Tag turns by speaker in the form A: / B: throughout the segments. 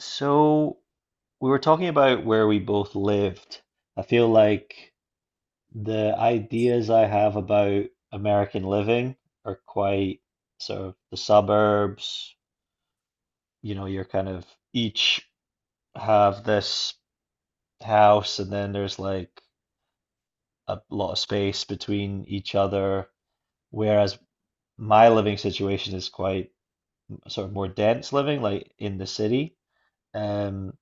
A: So we were talking about where we both lived. I feel like the ideas I have about American living are quite sort of the suburbs, you know, you're kind of each have this house and then there's like a lot of space between each other. Whereas my living situation is quite sort of more dense living, like in the city. Um,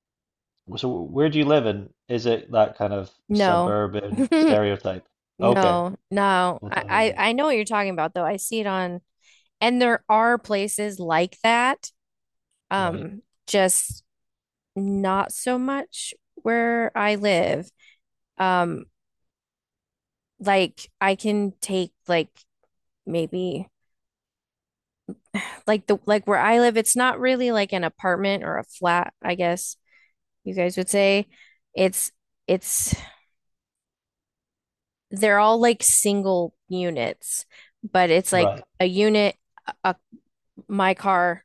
A: So where do you live in? Is it that kind of
B: No.
A: suburban stereotype? Okay,
B: No, no.
A: well
B: I,
A: tell me
B: I
A: about it.
B: I know what you're talking about though. I see it on and there are places like that.
A: Right,
B: Just not so much where I live. Um, like I can take like maybe like the like where I live, it's not really like an apartment or a flat, I guess you guys would say. It's it's they're all like single units, but it's like
A: right.
B: a unit, a my car,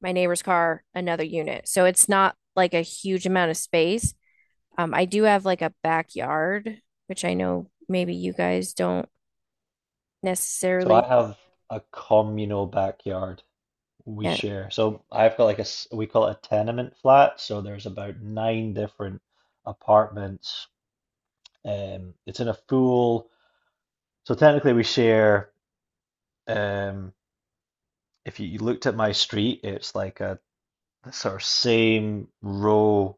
B: my neighbor's car, another unit. So it's not like a huge amount of space. I do have like a backyard, which I know maybe you guys don't
A: So I
B: necessarily
A: have a communal backyard we
B: get.
A: share. So I've got like a we call it a tenement flat. So there's about nine different apartments. It's in a full. So technically we share. Um, if you looked at my street, it's like a sort of same row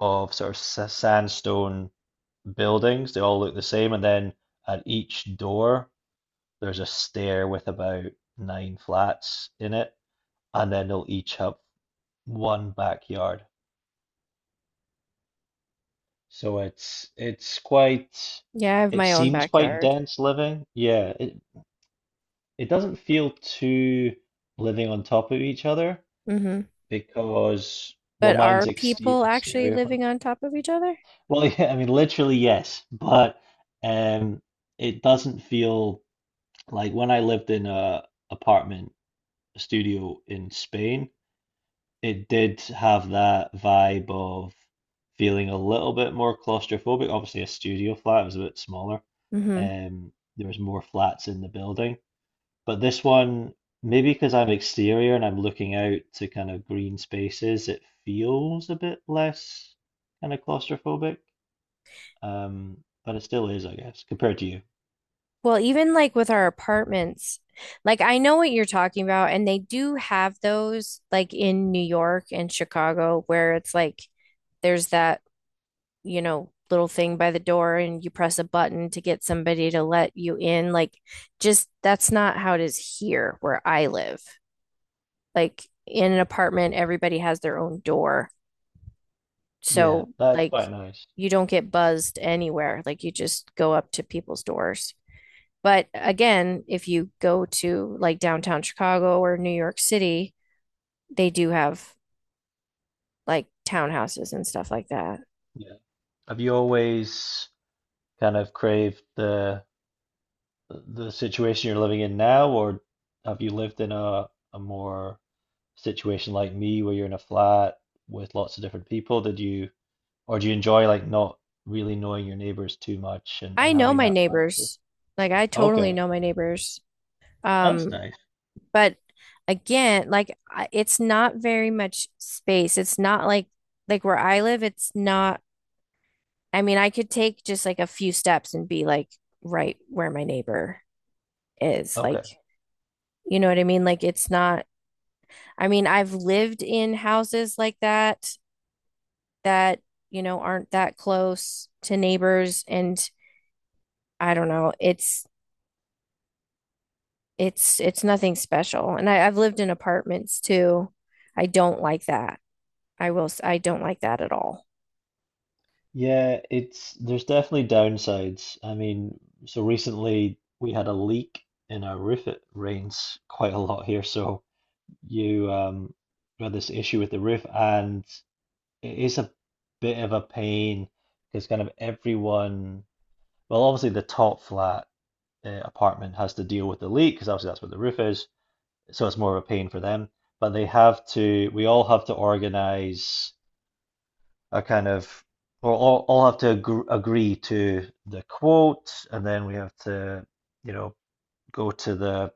A: of sort of sandstone buildings. They all look the same, and then at each door there's a stair with about nine flats in it, and then they'll each have one backyard. So it's quite
B: Yeah, I have
A: it
B: my own
A: seems quite
B: backyard.
A: dense living. Yeah, it doesn't feel too living on top of each other
B: hmm
A: because well
B: But are
A: mine's exterior
B: people actually
A: exterior.
B: living on top of each other?
A: Well, yeah, I mean, literally, yes, but um, it doesn't feel like when I lived in a apartment studio in Spain, it did have that vibe of feeling a little bit more claustrophobic. Obviously, a studio flat was a bit smaller.
B: hmm
A: Um, there was more flats in the building, but this one, maybe because I'm exterior and I'm looking out to kind of green spaces, it feels a bit less kind of claustrophobic. Um, but it still is, I guess, compared to you.
B: Well, even like with our apartments, like I know what you're talking about, and they do have those like in New York and Chicago where it's like there's little thing by the door and you press a button to get somebody to let you in. Like, just that's not how it is here where I live. Like, in an apartment, everybody has their own door.
A: Yeah,
B: So,
A: that's
B: like,
A: quite nice.
B: you don't get buzzed anywhere. Like, you just go up to people's doors. But again, if you go to like downtown Chicago or New York City, they do have like townhouses and stuff like that.
A: Yeah. Have you always kind of craved the situation you're living in now, or have you lived in a more situation like me where you're in a flat with lots of different people? Did you, or do you enjoy like not really knowing your neighbors too much and
B: I know
A: having
B: my
A: that privacy?
B: neighbors. Like I totally
A: Okay,
B: know my neighbors.
A: that's
B: Um,
A: nice.
B: but again, it's not very much space. It's not like where I live, it's not I mean, I could take just like a few steps and be like right where my neighbor is. Like,
A: Okay.
B: you know what I mean? Like it's not I mean, I've lived in houses like that, you know, aren't that close to neighbors and I don't know. It's nothing special. And I've lived in apartments too. I don't like that. I don't like that at all.
A: Yeah, it's there's definitely downsides. I mean, so recently we had a leak in our roof. It rains quite a lot here, so you we had this issue with the roof, and it is a bit of a pain because kind of everyone, well, obviously the top flat apartment has to deal with the leak because obviously that's where the roof is, so it's more of a pain for them. But they have to, we all have to organize a kind of well, all have to agree to the quote, and then we have to, you know, go to the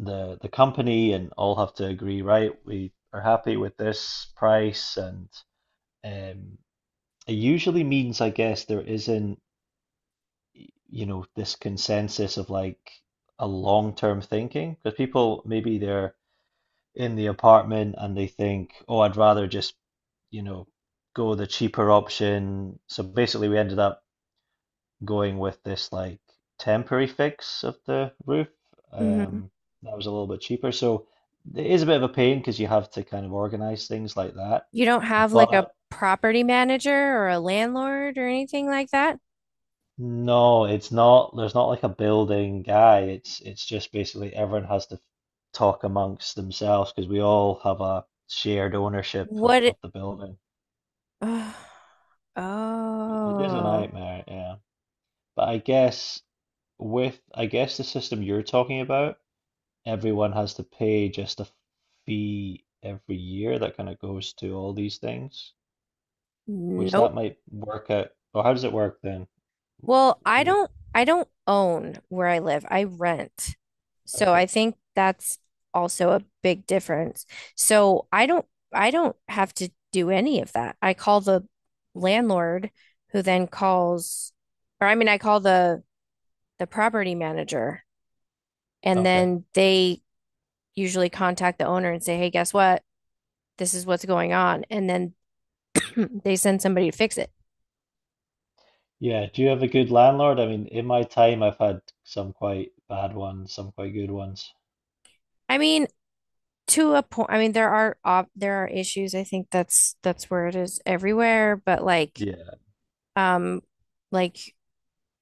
A: the company and all have to agree, right? We are happy with this price, and um, it usually means, I guess, there isn't, you know, this consensus of like a long-term thinking because people maybe they're in the apartment and they think, oh, I'd rather just, you know, go the cheaper option. So basically, we ended up going with this like temporary fix of the roof.
B: hmm
A: Um, that was a little bit cheaper. So it is a bit of a pain because you have to kind of organize things like that.
B: You don't have like a
A: But
B: property manager or a landlord or anything like that?
A: no, it's not. There's not like a building guy. It's just basically everyone has to talk amongst themselves because we all have a shared ownership
B: What it,
A: of the building. It is a
B: oh,
A: nightmare, yeah. But I guess with I guess the system you're talking about everyone has to pay just a fee every year that kind of goes to all these things, which
B: nope.
A: that might work out. Or how does it work then
B: Well,
A: with,
B: I don't own where I live. I rent. So
A: okay,
B: I think that's also a big difference. So I don't have to do any of that. I call the landlord who then calls or I mean I call the property manager and
A: okay.
B: then they usually contact the owner and say, "Hey, guess what? This is what's going on." And then they send somebody to fix it.
A: Yeah, do you have a good landlord? I mean, in my time, I've had some quite bad ones, some quite good ones.
B: I mean, to a point, I mean, there are ob there are issues. I think that's where it is everywhere, but like
A: Yeah.
B: um like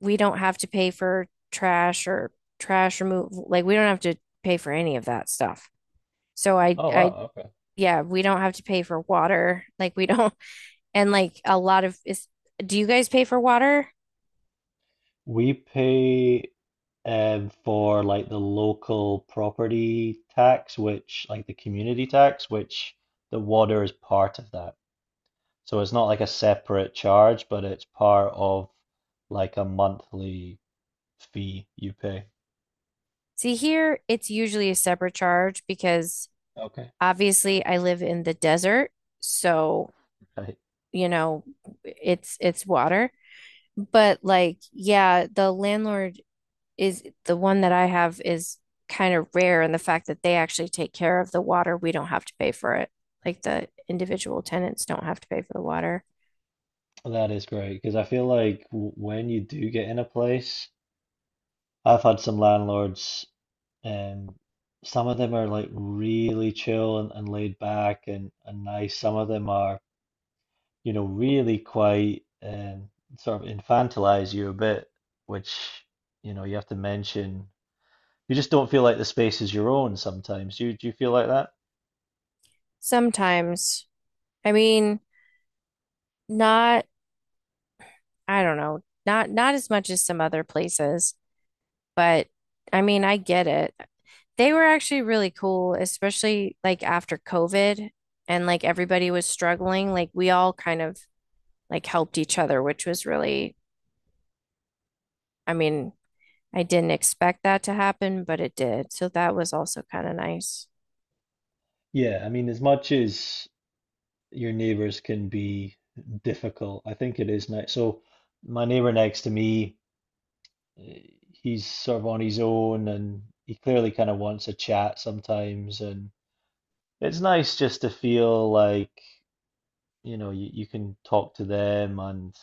B: we don't have to pay for trash or trash removal. Like we don't have to pay for any of that stuff. So I
A: Oh,
B: I
A: wow, okay.
B: yeah, we don't have to pay for water. Like we don't and like a lot of is do you guys pay for water?
A: We pay for like the local property tax, which like the community tax, which the water is part of that. So it's not like a separate charge, but it's part of like a monthly fee you pay.
B: See here, it's usually a separate charge because
A: Okay.
B: obviously I live in the desert, so
A: Right.
B: you know, it's water. But like, yeah, the landlord is the one that I have is kind of rare in the fact that they actually take care of the water. We don't have to pay for it. Like the individual tenants don't have to pay for the water.
A: That is great because I feel like w when you do get in a place, I've had some landlords, um, some of them are like really chill and laid back and nice. Some of them are, you know, really quite sort of infantilize you a bit, which, you know, you have to mention. You just don't feel like the space is your own sometimes. Do you feel like that?
B: Sometimes, I mean, not, I don't know, not as much as some other places, but I mean, I get it. They were actually really cool, especially like after COVID and like everybody was struggling. Like we all kind of like helped each other, which was really, I mean, I didn't expect that to happen, but it did. So that was also kind of nice.
A: Yeah, I mean, as much as your neighbors can be difficult, I think it is nice. So, my neighbor next to me, eh, he's sort of on his own and he clearly kind of wants a chat sometimes. And it's nice just to feel like, you know, you can talk to them and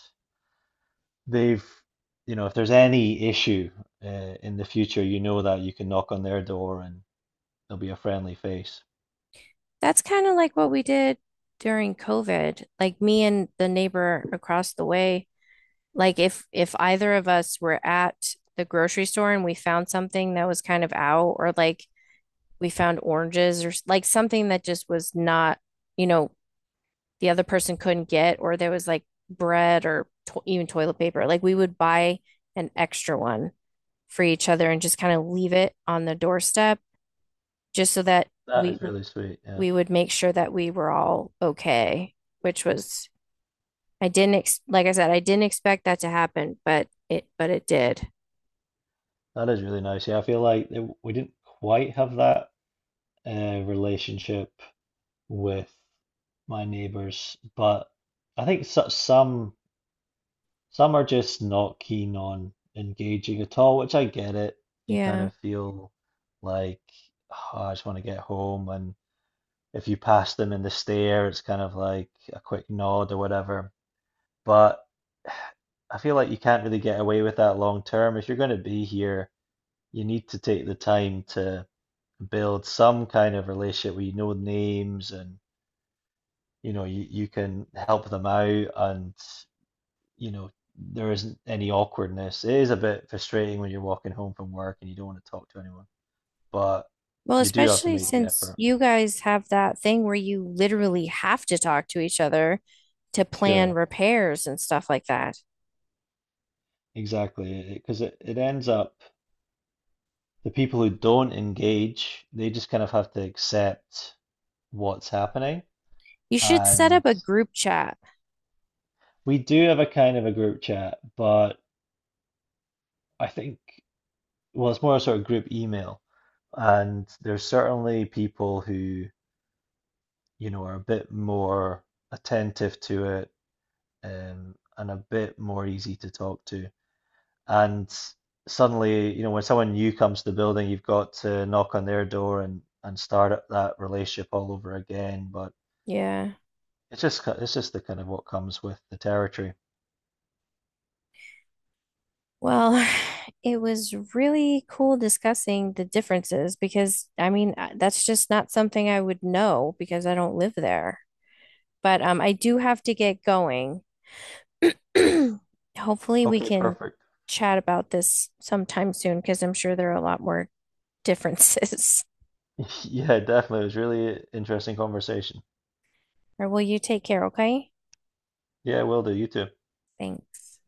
A: they've, you know, if there's any issue in the future, you know that you can knock on their door and there'll be a friendly face.
B: That's kind of like what we did during COVID. Like me and the neighbor across the way, like if either of us were at the grocery store and we found something that was kind of out or like we found oranges or like something that just was not, you know, the other person couldn't get, or there was like bread or even toilet paper. Like we would buy an extra one for each other and just kind of leave it on the doorstep just so that
A: That
B: we
A: is really sweet. Yeah,
B: we would make sure that we were all okay, which was I didn't ex like I said, I didn't expect that to happen, but it did.
A: that is really nice. Yeah, I feel like it, we didn't quite have that relationship with my neighbors, but I think so, some are just not keen on engaging at all, which I get it. You kind
B: Yeah.
A: of feel like, "Oh, I just want to get home and if you pass them in the stair, it's kind of like a quick nod or whatever." But I feel like you can't really get away with that long term. If you're going to be here, you need to take the time to build some kind of relationship where you know names and you know you can help them out and you know there isn't any awkwardness. It is a bit frustrating when you're walking home from work and you don't want to talk to anyone, but
B: Well,
A: you do have to
B: especially
A: make the
B: since
A: effort.
B: you guys have that thing where you literally have to talk to each other to plan
A: Sure,
B: repairs and stuff like that.
A: exactly, because it ends up the people who don't engage, they just kind of have to accept what's happening.
B: You should set up
A: And
B: a group chat.
A: we do have a kind of a group chat, but I think, well, it's more a sort of group email. And there's certainly people who, you know, are a bit more attentive to it, and a bit more easy to talk to. And suddenly, you know, when someone new comes to the building, you've got to knock on their door and start up that relationship all over again. But
B: Yeah.
A: it's just the kind of what comes with the territory.
B: Well, it was really cool discussing the differences because I mean, that's just not something I would know because I don't live there. But I do have to get going. Hopefully, we
A: Okay,
B: can
A: perfect.
B: chat about this sometime soon because I'm sure there are a lot more differences.
A: Yeah, definitely. It was really interesting conversation.
B: Or will you take care, okay?
A: Yeah, will do. You too.
B: Thanks.